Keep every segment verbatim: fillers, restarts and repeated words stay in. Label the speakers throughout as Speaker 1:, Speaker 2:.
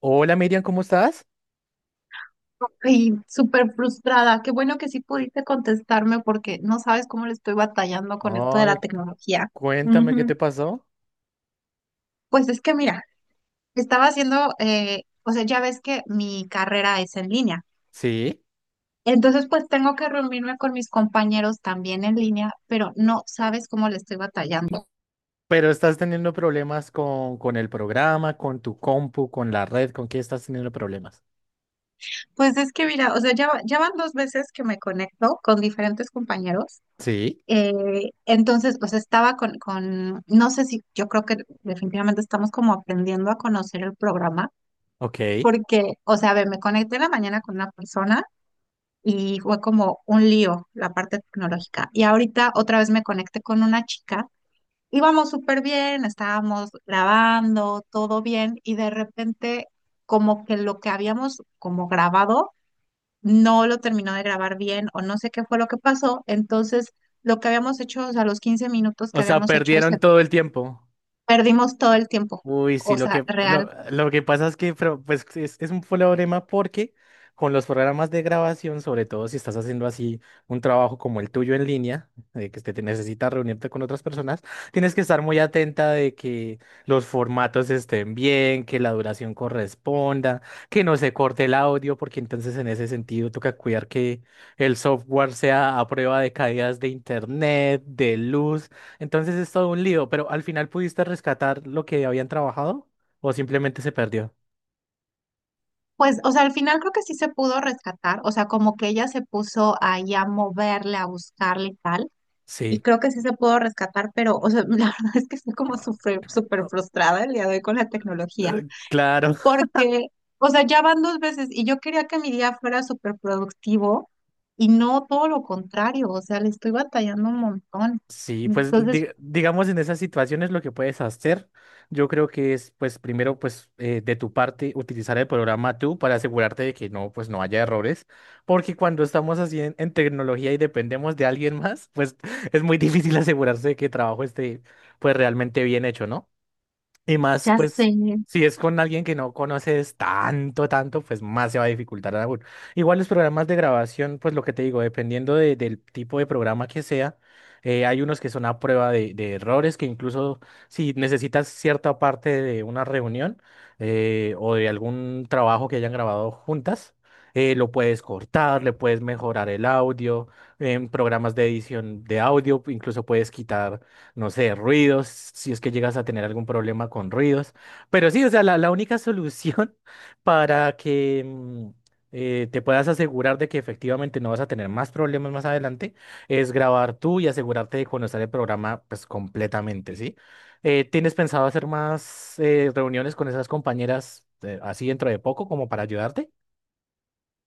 Speaker 1: Hola Miriam, ¿cómo estás?
Speaker 2: Ay, súper frustrada. Qué bueno que sí pudiste contestarme porque no sabes cómo le estoy batallando con esto de la
Speaker 1: Ay,
Speaker 2: tecnología.
Speaker 1: cuéntame qué te
Speaker 2: Ujú.
Speaker 1: pasó.
Speaker 2: Pues es que mira, estaba haciendo, eh, o sea, ya ves que mi carrera es en línea.
Speaker 1: Sí,
Speaker 2: Entonces, pues tengo que reunirme con mis compañeros también en línea, pero no sabes cómo le estoy batallando.
Speaker 1: pero estás teniendo problemas con, con el programa, con tu compu, con la red, ¿con qué estás teniendo problemas?
Speaker 2: Pues es que mira, o sea, ya, va- ya van dos veces que me conecto con diferentes compañeros.
Speaker 1: Sí,
Speaker 2: Eh, entonces, pues estaba con, con, no sé si, yo creo que definitivamente estamos como aprendiendo a conocer el programa,
Speaker 1: ok.
Speaker 2: porque, o sea, a ver, me conecté en la mañana con una persona y fue como un lío la parte tecnológica. Y ahorita otra vez me conecté con una chica, íbamos súper bien, estábamos grabando, todo bien, y de repente como que lo que habíamos como grabado no lo terminó de grabar bien o no sé qué fue lo que pasó. Entonces, lo que habíamos hecho, o sea, los quince minutos que
Speaker 1: O sea,
Speaker 2: habíamos hecho, se
Speaker 1: perdieron todo el tiempo.
Speaker 2: perdimos todo el tiempo.
Speaker 1: Uy, sí,
Speaker 2: O
Speaker 1: lo
Speaker 2: sea,
Speaker 1: que, lo,
Speaker 2: real.
Speaker 1: lo que pasa es que pero, pues, es, es un problema porque con los programas de grabación, sobre todo si estás haciendo así un trabajo como el tuyo en línea, de que te, te necesitas reunirte con otras personas, tienes que estar muy atenta de que los formatos estén bien, que la duración corresponda, que no se corte el audio, porque entonces en ese sentido toca cuidar que el software sea a prueba de caídas de internet, de luz. Entonces es todo un lío, pero al final pudiste rescatar lo que habían trabajado o simplemente se perdió.
Speaker 2: Pues, o sea, al final creo que sí se pudo rescatar. O sea, como que ella se puso ahí a moverle, a buscarle y tal. Y
Speaker 1: Sí.
Speaker 2: creo que sí se pudo rescatar, pero, o sea, la verdad es que estoy como súper, súper
Speaker 1: Ah,
Speaker 2: frustrada el día de hoy con la tecnología.
Speaker 1: eh, Claro,
Speaker 2: Porque, o sea, ya van dos veces y yo quería que mi día fuera súper productivo y no todo lo contrario, o sea, le estoy batallando un montón.
Speaker 1: sí, pues
Speaker 2: Entonces,
Speaker 1: di- digamos en esas situaciones lo que puedes hacer, yo creo que es pues primero pues eh, de tu parte utilizar el programa tú para asegurarte de que no pues no haya errores, porque cuando estamos así en, en tecnología y dependemos de alguien más, pues es muy difícil asegurarse de que el trabajo esté pues realmente bien hecho, ¿no? Y más,
Speaker 2: ya sé.
Speaker 1: pues, si es con alguien que no conoces tanto, tanto, pues más se va a dificultar aún. Igual los programas de grabación, pues lo que te digo, dependiendo de- del tipo de programa que sea, eh, hay unos que son a prueba de, de errores, que incluso si necesitas cierta parte de una reunión eh, o de algún trabajo que hayan grabado juntas, eh, lo puedes cortar, le puedes mejorar el audio, en programas de edición de audio, incluso puedes quitar no sé, ruidos, si es que llegas a tener algún problema con ruidos. Pero sí, o sea, la, la única solución para que mm, eh, te puedas asegurar de que efectivamente no vas a tener más problemas más adelante es grabar tú y asegurarte de conocer el programa pues completamente, ¿sí? Eh, ¿tienes pensado hacer más eh, reuniones con esas compañeras eh, así dentro de poco como para ayudarte?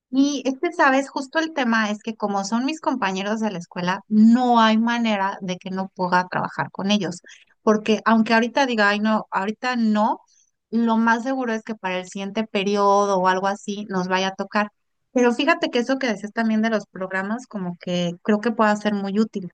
Speaker 2: Y este, sabes, justo el tema es que como son mis compañeros de la escuela, no hay manera de que no pueda trabajar con ellos. Porque aunque ahorita diga, ay, no, ahorita no, lo más seguro es que para el siguiente periodo o algo así nos vaya a tocar. Pero fíjate que eso que decías también de los programas, como que creo que pueda ser muy útil.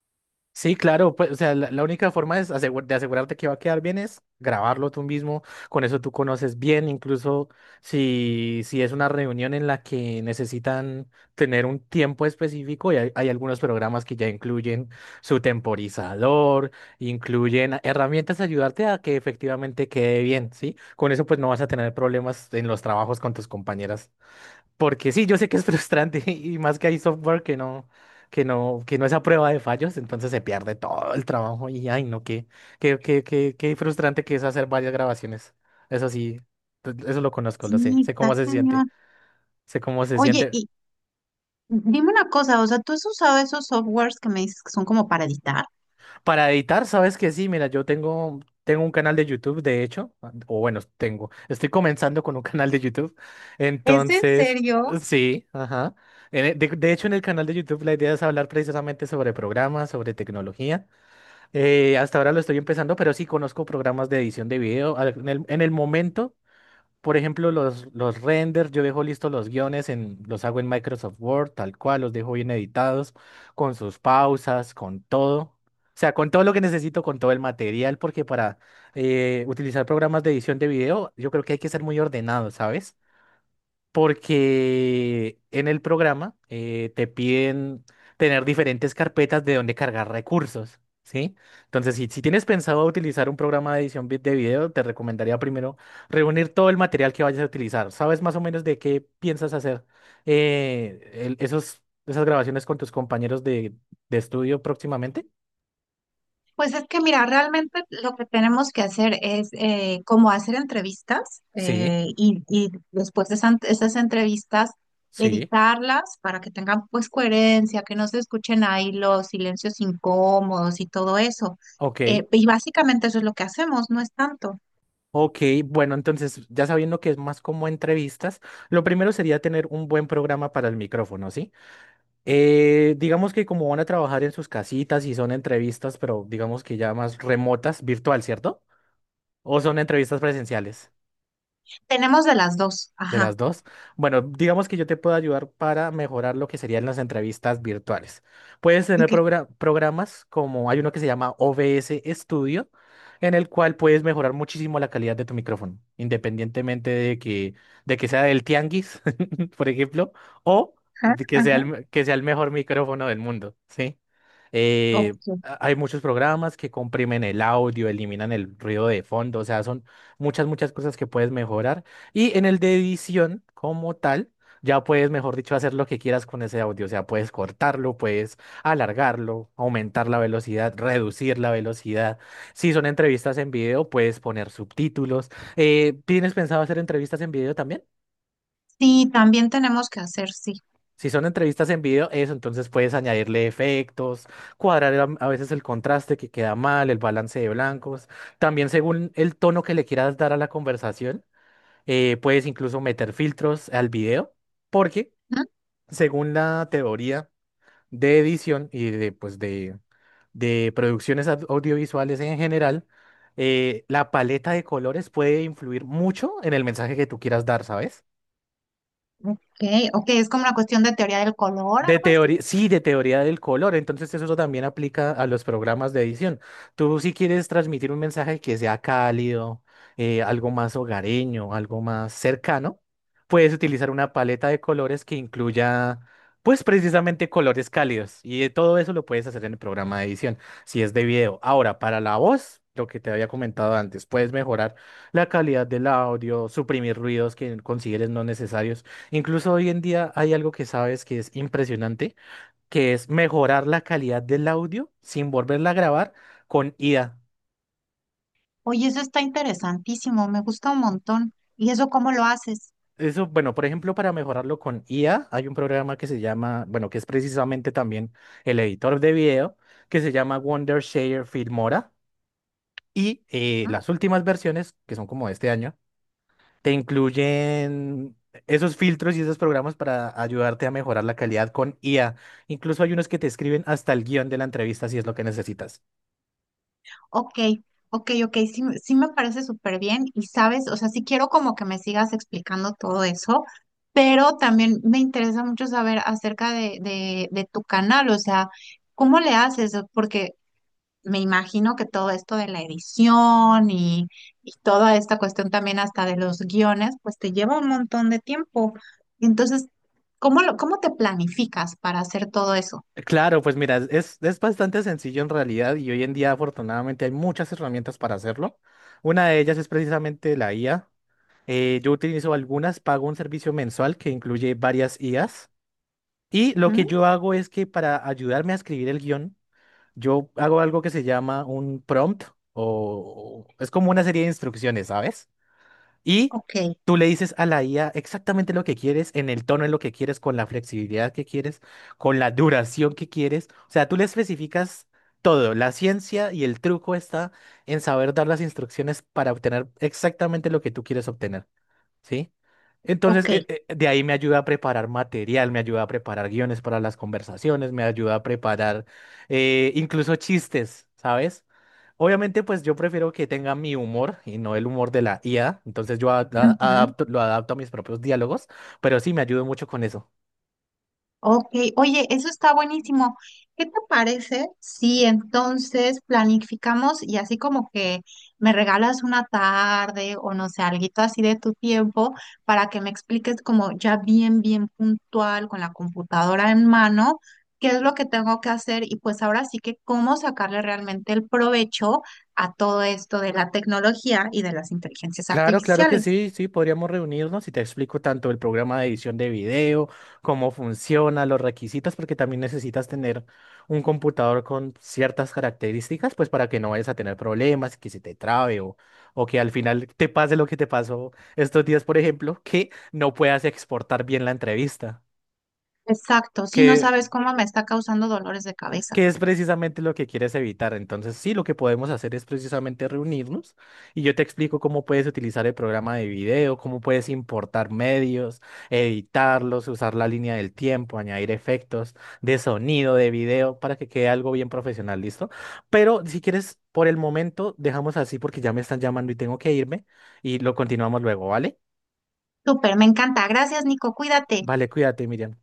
Speaker 1: Sí, claro, pues, o sea, la, la única forma es asegu- de asegurarte que va a quedar bien es grabarlo tú mismo, con eso tú conoces bien, incluso si, si es una reunión en la que necesitan tener un tiempo específico, y hay, hay algunos programas que ya incluyen su temporizador, incluyen herramientas a ayudarte a que efectivamente quede bien, ¿sí? Con eso pues no vas a tener problemas en los trabajos con tus compañeras. Porque sí, yo sé que es frustrante y más que hay software que no, que no, que no es a prueba de fallos, entonces se pierde todo el trabajo y ay, no, qué, qué, qué, qué, qué frustrante que es hacer varias grabaciones. Eso sí, t- eso lo conozco,
Speaker 2: Sí,
Speaker 1: lo sé, sé
Speaker 2: está
Speaker 1: cómo se siente,
Speaker 2: cañón.
Speaker 1: sé cómo se
Speaker 2: Oye,
Speaker 1: siente.
Speaker 2: y dime una cosa, o sea, ¿tú has usado esos softwares que me dices que son como para editar?
Speaker 1: Para editar, sabes que sí, mira, yo tengo, tengo un canal de YouTube, de hecho, o bueno, tengo, estoy comenzando con un canal de YouTube,
Speaker 2: ¿Es en
Speaker 1: entonces,
Speaker 2: serio?
Speaker 1: sí, ajá. En e- De, de hecho, en el canal de YouTube la idea es hablar precisamente sobre programas, sobre tecnología. Eh, hasta ahora lo estoy empezando, pero sí conozco programas de edición de video. Al- En el, en el momento por ejemplo, los, los renders, yo dejo listos los guiones, en, los hago en Microsoft Word, tal cual, los dejo bien editados, con sus pausas, con todo. O sea, con todo lo que necesito, con todo el material, porque para eh, utilizar programas de edición de video, yo creo que hay que ser muy ordenado, ¿sabes? Porque en el programa eh, te piden tener diferentes carpetas de donde cargar recursos, ¿sí? Entonces, si, si tienes pensado utilizar un programa de edición vi- de video, te recomendaría primero reunir todo el material que vayas a utilizar. ¿Sabes más o menos de qué piensas hacer eh, el- esos, esas grabaciones con tus compañeros de, de estudio próximamente?
Speaker 2: Pues es que mira, realmente lo que tenemos que hacer es eh, como hacer entrevistas,
Speaker 1: Sí,
Speaker 2: eh, y, y después de esas, esas entrevistas
Speaker 1: sí.
Speaker 2: editarlas para que tengan pues coherencia, que no se escuchen ahí los silencios incómodos y todo eso.
Speaker 1: Ok.
Speaker 2: Eh, y básicamente eso es lo que hacemos, no es tanto.
Speaker 1: Ok, bueno, entonces ya sabiendo que es más como entrevistas, lo primero sería tener un buen programa para el micrófono, ¿sí? Eh, digamos que como van a trabajar en sus casitas y son entrevistas, pero digamos que ya más remotas, virtual, ¿cierto? ¿O son entrevistas presenciales?
Speaker 2: Tenemos de las dos,
Speaker 1: De
Speaker 2: ajá.
Speaker 1: las dos. Bueno, digamos que yo te puedo ayudar para mejorar lo que serían las entrevistas virtuales. Puedes tener
Speaker 2: Ok.
Speaker 1: progra- programas como hay uno que se llama O B S Studio, en el cual puedes mejorar muchísimo la calidad de tu micrófono, independientemente de que, de que sea del tianguis, por ejemplo, o
Speaker 2: Ajá,
Speaker 1: de que sea
Speaker 2: ajá.
Speaker 1: el, me- que sea el mejor micrófono del mundo, ¿sí? Eh,
Speaker 2: Ok.
Speaker 1: a- hay muchos programas que comprimen el audio, eliminan el ruido de fondo, o sea, son muchas, muchas cosas que puedes mejorar. Y en el de edición, como tal, ya puedes, mejor dicho, hacer lo que quieras con ese audio. O sea, puedes cortarlo, puedes alargarlo, aumentar la velocidad, reducir la velocidad. Si son entrevistas en video, puedes poner subtítulos. Eh, ¿tienes pensado hacer entrevistas en video también?
Speaker 2: Sí, también tenemos que hacer, sí.
Speaker 1: Si son entrevistas en video, eso, entonces puedes añadirle efectos, cuadrar am- a veces el contraste que queda mal, el balance de blancos. También según el tono que le quieras dar a la conversación, eh, puedes incluso meter filtros al video. Porque
Speaker 2: ¿Mm?
Speaker 1: según la teoría de edición y de, pues de, de producciones au- audiovisuales en general, eh, la paleta de colores puede influir mucho en el mensaje que tú quieras dar, ¿sabes?
Speaker 2: Ok, ok, es como una cuestión de teoría del color,
Speaker 1: De
Speaker 2: algo así.
Speaker 1: teoría, sí, de teoría del color. Entonces eso también aplica a los programas de edición. Tú si quieres transmitir un mensaje que sea cálido, eh, algo más hogareño, algo más cercano, puedes utilizar una paleta de colores que incluya, pues precisamente colores cálidos. Y eh, todo eso lo puedes hacer en el programa de edición, si es de video. Ahora, para la voz, lo que te había comentado antes, puedes mejorar la calidad del audio, suprimir ruidos que consideres no necesarios. Incluso hoy en día hay algo que sabes que es impresionante, que es mejorar la calidad del audio sin volverla a grabar con I A.
Speaker 2: Oye, eso está interesantísimo, me gusta un montón. ¿Y eso cómo lo haces?
Speaker 1: Eso, bueno, por ejemplo, para mejorarlo con I A, hay un programa que se llama, bueno, que es precisamente también el editor de video, que se llama Wondershare Filmora. Y eh,
Speaker 2: Ah,
Speaker 1: las últimas versiones, que son como de este año, te incluyen esos filtros y esos programas para ayudarte a mejorar la calidad con I A. Incluso hay unos que te escriben hasta el guión de la entrevista si es lo que necesitas.
Speaker 2: ok, ok, ok, sí, me- sí me parece súper bien, y sabes, o sea, sí quiero como que me sigas explicando todo eso, pero también me interesa mucho saber acerca de, de, de tu canal, o sea, ¿cómo le haces? Porque me imagino que todo esto de la edición y, y toda esta cuestión también hasta de los guiones, pues te lleva un montón de tiempo. Entonces, ¿cómo lo, cómo te planificas para hacer todo eso?
Speaker 1: Claro, pues mira, es, es bastante sencillo en realidad y hoy en día afortunadamente hay muchas herramientas para hacerlo. Una de ellas es precisamente la I A. Eh, yo utilizo algunas, pago un servicio mensual que incluye varias I As y lo
Speaker 2: ¿Mm?
Speaker 1: que yo hago es que para ayudarme a escribir el guión, yo hago algo que se llama un prompt o o- es como una serie de instrucciones, ¿sabes? Y
Speaker 2: Ok,
Speaker 1: tú le dices a la I A exactamente lo que quieres, en el tono en lo que quieres, con la flexibilidad que quieres, con la duración que quieres. O sea, tú le especificas todo. La ciencia y el truco está en saber dar las instrucciones para obtener exactamente lo que tú quieres obtener. ¿Sí? Entonces,
Speaker 2: ok.
Speaker 1: eh, eh, de ahí me ayuda a preparar material, me ayuda a preparar guiones para las conversaciones, me ayuda a preparar eh, incluso chistes, ¿sabes? Obviamente, pues yo prefiero que tenga mi humor y no el humor de la I A, entonces yo a- a- adapto- lo adapto a mis propios diálogos, pero sí me ayuda mucho con eso.
Speaker 2: Ok, oye, eso está buenísimo. ¿Qué te parece si entonces planificamos y así como que me regalas una tarde o no sé, alguito así de tu tiempo para que me expliques como ya bien, bien puntual con la computadora en mano, qué es lo que tengo que hacer y pues ahora sí que cómo sacarle realmente el provecho a todo esto de la tecnología y de las inteligencias
Speaker 1: Claro, claro que
Speaker 2: artificiales?
Speaker 1: sí, sí, podríamos reunirnos y te explico tanto el programa de edición de video, cómo funciona, los requisitos, porque también necesitas tener un computador con ciertas características, pues para que no vayas a tener problemas, que se te trabe o, o que al final te pase lo que te pasó estos días, por ejemplo, que no puedas exportar bien la entrevista,
Speaker 2: Exacto, si no
Speaker 1: que
Speaker 2: sabes cómo me está causando dolores de cabeza.
Speaker 1: que es precisamente lo que quieres evitar. Entonces, sí, lo que podemos hacer es precisamente reunirnos y yo te explico cómo puedes utilizar el programa de video, cómo puedes importar medios, editarlos, usar la línea del tiempo, añadir efectos de sonido, de video, para que quede algo bien profesional, ¿listo? Pero si quieres, por el momento, dejamos así porque ya me están llamando y tengo que irme y lo continuamos luego, ¿vale?
Speaker 2: Súper, me encanta. Gracias, Nico. Cuídate.
Speaker 1: Vale, cuídate, Miriam.